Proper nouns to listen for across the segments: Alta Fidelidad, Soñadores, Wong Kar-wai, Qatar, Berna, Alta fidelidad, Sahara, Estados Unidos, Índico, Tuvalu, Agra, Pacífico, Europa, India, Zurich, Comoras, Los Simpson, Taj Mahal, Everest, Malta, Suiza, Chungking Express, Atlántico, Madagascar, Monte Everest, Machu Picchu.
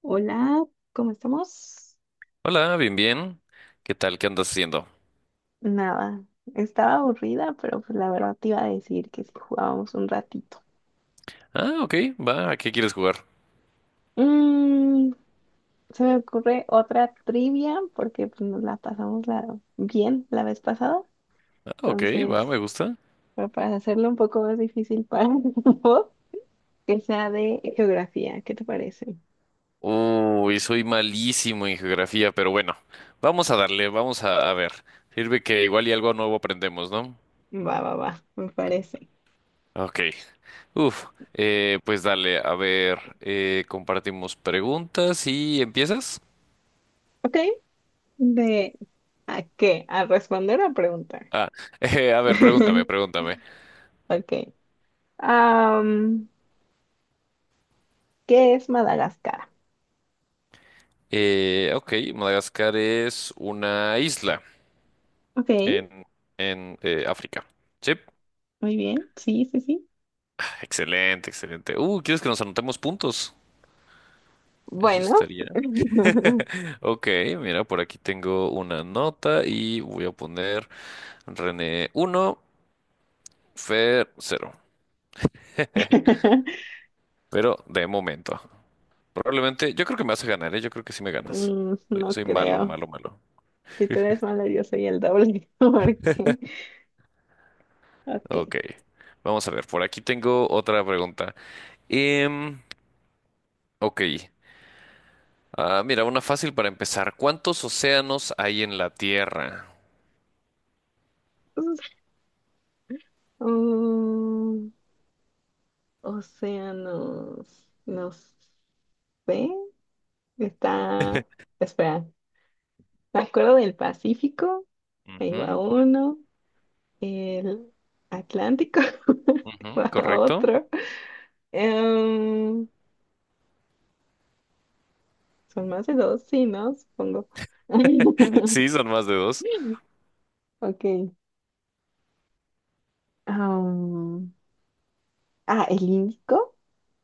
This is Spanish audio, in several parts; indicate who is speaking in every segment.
Speaker 1: Hola, ¿cómo estamos?
Speaker 2: Hola, bien, bien. ¿Qué tal? ¿Qué andas haciendo?
Speaker 1: Nada, estaba aburrida, pero pues la verdad te iba a decir que si jugábamos un ratito.
Speaker 2: Ah, ok, va, ¿a qué quieres jugar?
Speaker 1: Mm, Se me ocurre otra trivia porque pues, nos la pasamos bien la vez pasada.
Speaker 2: Ah, ok, va,
Speaker 1: Entonces,
Speaker 2: me gusta.
Speaker 1: pero para hacerlo un poco más difícil para vos, que sea de geografía, ¿qué te parece?
Speaker 2: Uy, soy malísimo en geografía, pero bueno, vamos a darle, vamos a ver. Sirve que igual y algo nuevo aprendemos, ¿no?
Speaker 1: Va, va, va, me parece.
Speaker 2: Ok. Uf, pues dale, a ver, compartimos preguntas y empiezas.
Speaker 1: Ok, ¿de a qué? ¿A responder a preguntar?
Speaker 2: Ah, a ver, pregúntame, pregúntame.
Speaker 1: Ok, ah, ¿qué es Madagascar?
Speaker 2: Ok, Madagascar es una isla
Speaker 1: Ok, muy
Speaker 2: en, África. ¿Sí?
Speaker 1: bien. Sí, sí, sí.
Speaker 2: Excelente, excelente. ¿Quieres que nos anotemos puntos? Eso
Speaker 1: Bueno,
Speaker 2: estaría. Ok, mira, por aquí tengo una nota y voy a poner René uno, Fer cero. Pero de momento. Probablemente, yo creo que me vas a ganar, ¿eh? Yo creo que sí me ganas.
Speaker 1: mm,
Speaker 2: Soy,
Speaker 1: no
Speaker 2: soy malo,
Speaker 1: creo.
Speaker 2: malo, malo.
Speaker 1: Si tú eres malo, yo soy el doble. Porque, ok.
Speaker 2: Ok, vamos a ver, por aquí tengo otra pregunta. Em, ok, ah, mira, una fácil para empezar. ¿Cuántos océanos hay en la Tierra?
Speaker 1: Mm, océanos, no sé. Está, espera, me acuerdo del Pacífico. Ahí va
Speaker 2: Ujú,
Speaker 1: uno. El Atlántico. Ahí
Speaker 2: ujú,
Speaker 1: va
Speaker 2: ¿correcto?
Speaker 1: otro. Em, Son más de dos, sí, ¿no? Supongo.
Speaker 2: Sí, son más de dos.
Speaker 1: Ok. Am, ah, el Índico.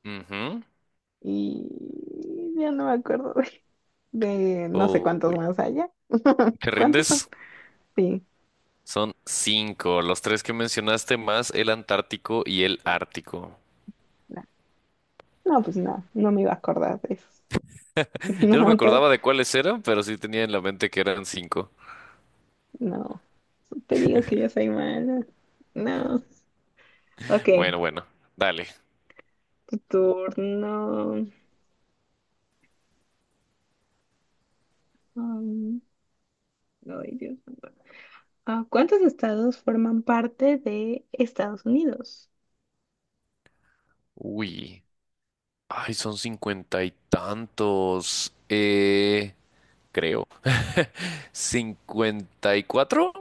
Speaker 2: Ujú.
Speaker 1: Y ya no me acuerdo de no sé cuántos
Speaker 2: Uy,
Speaker 1: más allá.
Speaker 2: ¿te
Speaker 1: ¿Cuántos son?
Speaker 2: rindes?
Speaker 1: Sí.
Speaker 2: Son cinco, los tres que mencionaste más el Antártico y el Ártico.
Speaker 1: na- No, pues nada, no me iba a acordar de eso.
Speaker 2: Yo no me
Speaker 1: No, te,
Speaker 2: acordaba de cuáles eran, pero sí tenía en la mente que eran cinco.
Speaker 1: no. Te digo que yo soy mala. No. Ok,
Speaker 2: Bueno, bueno, dale.
Speaker 1: tu turno. Am, ay, Dios mío. Ah, ¿cuántos estados forman parte de Estados Unidos?
Speaker 2: Uy, ay, son cincuenta y tantos. Creo. ¿54?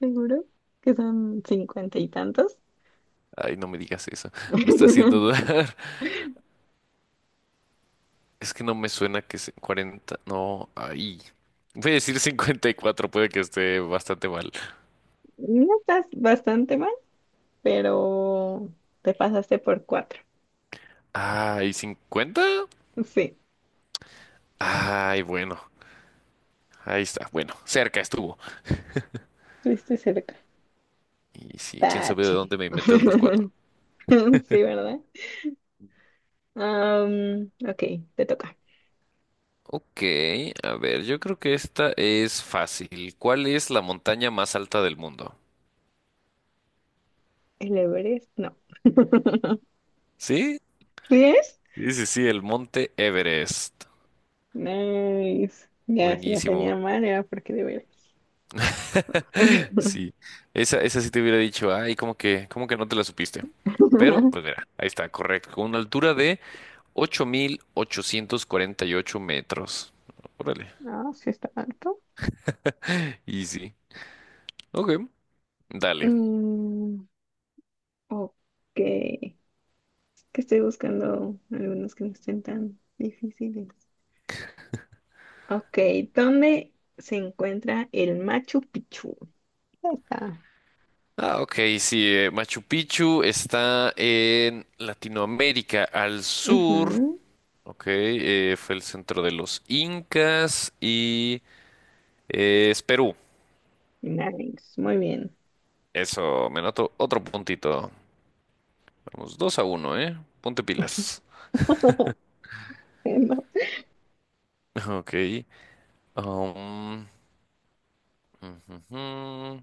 Speaker 1: Seguro que son 50 y tantos.
Speaker 2: Ay, no me digas eso. Me está haciendo dudar. Es que no me suena que 40. No, ahí. Voy a decir 54, puede que esté bastante mal.
Speaker 1: No estás bastante mal, pero te pasaste por cuatro.
Speaker 2: Ay, ¿50?
Speaker 1: Sí,
Speaker 2: Ay, bueno. Ahí está. Bueno, cerca estuvo.
Speaker 1: estuviste cerca.
Speaker 2: Y sí, quién sabe de
Speaker 1: Tache.
Speaker 2: dónde me inventé otros cuatro.
Speaker 1: Sí, ¿verdad? Ok, te toca.
Speaker 2: Ok, a ver, yo creo que esta es fácil. ¿Cuál es la montaña más alta del mundo?
Speaker 1: ¿El Everest? No.
Speaker 2: ¿Sí?
Speaker 1: ¿Sí es?
Speaker 2: Sí, sí, sí, el Monte Everest.
Speaker 1: Nice. Ya, si la
Speaker 2: Buenísimo.
Speaker 1: tenía mal era porque de veras.
Speaker 2: Sí, esa sí te hubiera dicho, ay, como que no te la supiste. Pero, pues mira, ahí está, correcto, con una altura de 8.848 metros. Órale.
Speaker 1: No, sí está alto.
Speaker 2: Y sí, ok, dale.
Speaker 1: Mm, ok, que estoy buscando algunos que no estén tan difíciles. Ok, ¿dónde se encuentra el Machu Picchu? Ahí está.
Speaker 2: Ah, ok, sí, Machu Picchu está en Latinoamérica al
Speaker 1: Ujú,
Speaker 2: sur. Ok, fue el centro de los incas y es Perú.
Speaker 1: nice, muy bien.
Speaker 2: Eso, me noto otro puntito. Vamos, 2-1, ¿eh? Ponte pilas.
Speaker 1: No.
Speaker 2: Ok. Um, ujujú,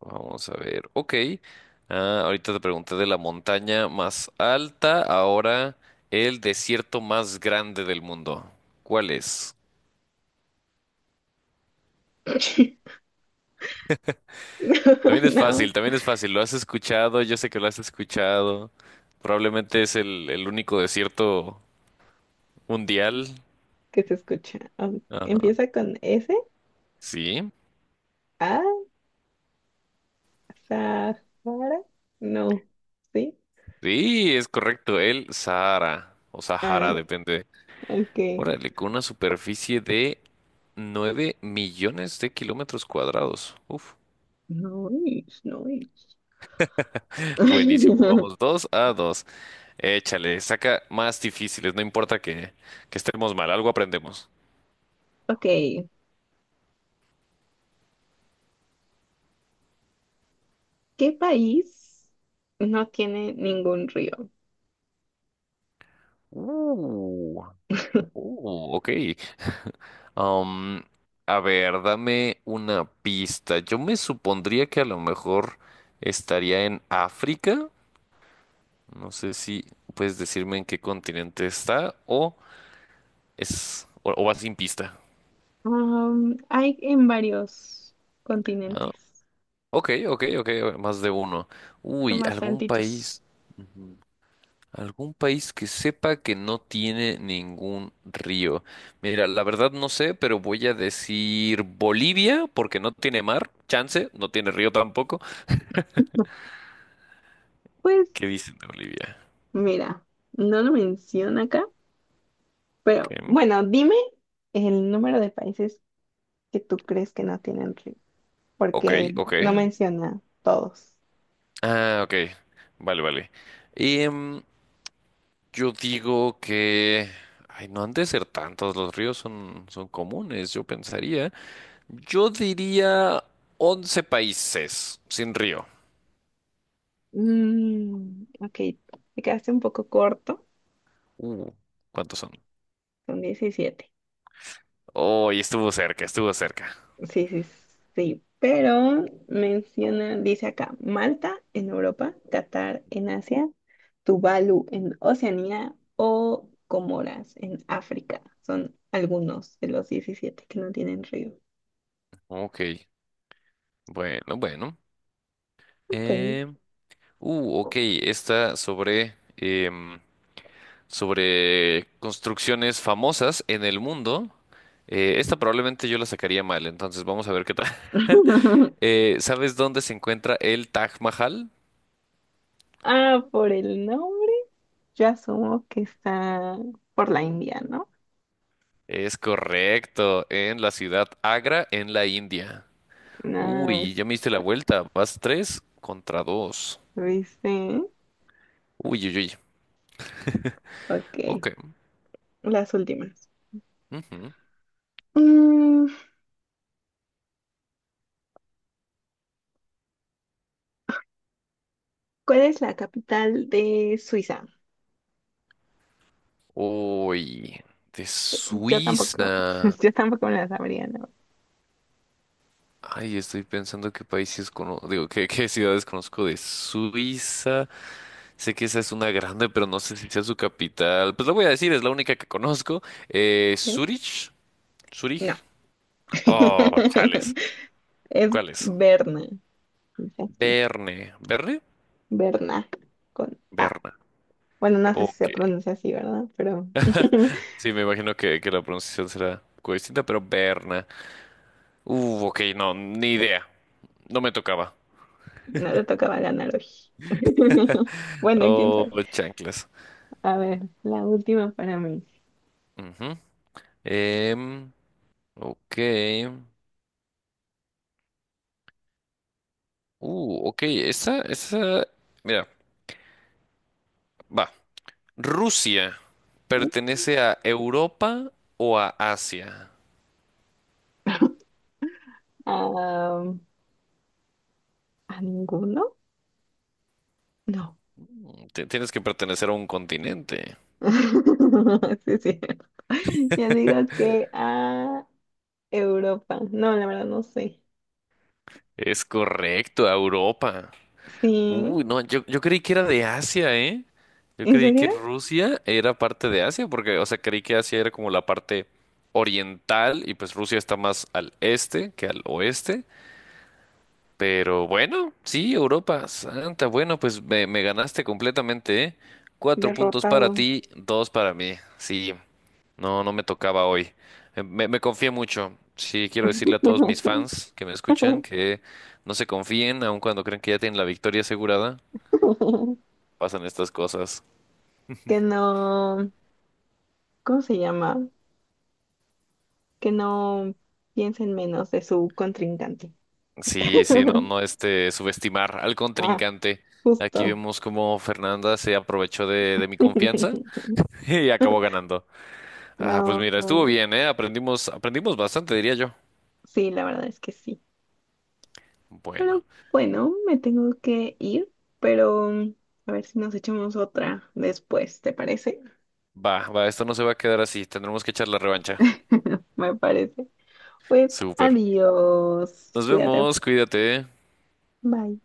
Speaker 2: vamos a ver. Ok. Ah, ahorita te pregunté de la montaña más alta. Ahora el desierto más grande del mundo. ¿Cuál es?
Speaker 1: No,
Speaker 2: También es
Speaker 1: no,
Speaker 2: fácil, también es fácil. Lo has escuchado, yo sé que lo has escuchado. Probablemente es el único desierto mundial.
Speaker 1: que se escucha.
Speaker 2: Ajá.
Speaker 1: Empieza con S,
Speaker 2: Sí.
Speaker 1: A, Sahara. No, ¿sí?
Speaker 2: Sí, es correcto. El Sahara o
Speaker 1: Ah,
Speaker 2: Sahara, depende.
Speaker 1: ok.
Speaker 2: Órale, con una superficie de 9 millones de kilómetros cuadrados. Uf,
Speaker 1: Nice, nice.
Speaker 2: buenísimo. Vamos 2-2. Échale, saca más difíciles, no importa que estemos mal, algo aprendemos.
Speaker 1: Ok, ¿qué país no tiene ningún río?
Speaker 2: Uh, ok. Am, a ver, dame una pista. Yo me supondría que a lo mejor estaría en África. No sé si puedes decirme en qué continente está o es o va sin pista.
Speaker 1: Am, hay en varios
Speaker 2: ¿No?
Speaker 1: continentes,
Speaker 2: Ok, ok, ok, más de uno.
Speaker 1: son
Speaker 2: Uy,
Speaker 1: bastantitos.
Speaker 2: algún país que sepa que no tiene ningún río. Mira, la verdad no sé, pero voy a decir Bolivia, porque no tiene mar, chance, no tiene río tampoco.
Speaker 1: Pues
Speaker 2: ¿Qué dicen de Bolivia?
Speaker 1: mira, no lo menciona acá,
Speaker 2: Ok,
Speaker 1: pero bueno, dime el número de países que tú crees que no tienen río,
Speaker 2: ok.
Speaker 1: porque
Speaker 2: Ok.
Speaker 1: no menciona todos.
Speaker 2: Ah, ok. Vale, vale. Em, yo digo que... Ay, no han de ser tantos, los ríos son comunes, yo pensaría. Yo diría 11 países sin río.
Speaker 1: Mm, ok, te quedaste un poco corto,
Speaker 2: Uh, ¿Cuántos son?
Speaker 1: son 17.
Speaker 2: Oh, y estuvo cerca, estuvo cerca.
Speaker 1: Sí, sí, sí, pero menciona, dice acá, Malta en Europa, Qatar en Asia, Tuvalu en Oceanía o Comoras en África. Son algunos de los 17 que no tienen río.
Speaker 2: Ok, bueno, bueno.
Speaker 1: Ok.
Speaker 2: Em, ok, esta sobre construcciones famosas en el mundo. Esta probablemente yo la sacaría mal, entonces vamos a ver qué tal. ¿Sabes dónde se encuentra el Taj Mahal?
Speaker 1: Ah, por el nombre, yo asumo que está por la India, ¿no?
Speaker 2: Es correcto, en la ciudad Agra, en la India.
Speaker 1: Ah,
Speaker 2: Uy, ya me diste la vuelta. Vas 3-2.
Speaker 1: dice,
Speaker 2: Uy, uy, uy.
Speaker 1: ok,
Speaker 2: Ok.
Speaker 1: las últimas.
Speaker 2: Ujú.
Speaker 1: Mm, ¿cuál es la capital de Suiza?
Speaker 2: Uy, de
Speaker 1: Yo tampoco,
Speaker 2: Suiza.
Speaker 1: yo tampoco me la sabría, ¿no?
Speaker 2: Ay, estoy pensando qué países conozco. Digo, qué ciudades conozco de Suiza. Sé que esa es una grande, pero no sé si sea su capital. Pues lo voy a decir, es la única que conozco.
Speaker 1: ¿Eh?
Speaker 2: Zurich. Zurich.
Speaker 1: No.
Speaker 2: Oh, chales.
Speaker 1: Es
Speaker 2: ¿Cuál es?
Speaker 1: Berna. Dice aquí,
Speaker 2: Berne. ¿Berne?
Speaker 1: Berna, con A.
Speaker 2: Berna.
Speaker 1: Bueno, no sé si
Speaker 2: Ok.
Speaker 1: se pronuncia así, ¿verdad? Pero
Speaker 2: Sí, me imagino que la pronunciación será un poco distinta, pero Berna. Ok, no, ni idea. No me tocaba.
Speaker 1: no le tocaba ganar hoy. Bueno, quién
Speaker 2: Oh,
Speaker 1: sabe.
Speaker 2: chanclas.
Speaker 1: A ver, la última para mí.
Speaker 2: Ujú. Em, ok. Ok, esa, esa. Mira, va. ¿Rusia pertenece a Europa o a Asia?
Speaker 1: Ah, ¿a ninguno? No.
Speaker 2: Tienes que pertenecer a un continente.
Speaker 1: Sí, sí. Yo digo que a Europa. No, la verdad no sé.
Speaker 2: Es correcto, a Europa.
Speaker 1: Sí.
Speaker 2: Uy, no, yo creí que era de Asia, ¿eh? Yo
Speaker 1: ¿En
Speaker 2: creí que
Speaker 1: serio?
Speaker 2: Rusia era parte de Asia, porque, o sea, creí que Asia era como la parte oriental y pues Rusia está más al este que al oeste. Pero bueno, sí, Europa, santa, bueno, pues me ganaste completamente, ¿eh? 4 puntos para
Speaker 1: Derrotado.
Speaker 2: ti, dos para mí. Sí, no, no me tocaba hoy. Me confié mucho. Sí, quiero decirle a todos mis fans que me escuchan que no se confíen, aun cuando creen que ya tienen la victoria asegurada pasan estas cosas.
Speaker 1: Que no, ¿cómo se llama? Que no piensen menos de su contrincante.
Speaker 2: Sí, sí, no, no este, subestimar al
Speaker 1: Ah,
Speaker 2: contrincante. Aquí
Speaker 1: justo.
Speaker 2: vemos cómo Fernanda se aprovechó de mi confianza y acabó ganando. Ah, pues
Speaker 1: No,
Speaker 2: mira, estuvo
Speaker 1: no,
Speaker 2: bien, ¿eh? Aprendimos bastante, diría yo.
Speaker 1: sí, la verdad es que sí.
Speaker 2: Bueno,
Speaker 1: Pero bueno, me tengo que ir, pero a ver si nos echamos otra después, ¿te parece?
Speaker 2: va, va, esto no se va a quedar así. Tendremos que echar la revancha.
Speaker 1: Me parece. Pues
Speaker 2: Súper.
Speaker 1: adiós.
Speaker 2: Nos
Speaker 1: Cuídate.
Speaker 2: vemos, cuídate.
Speaker 1: Bye.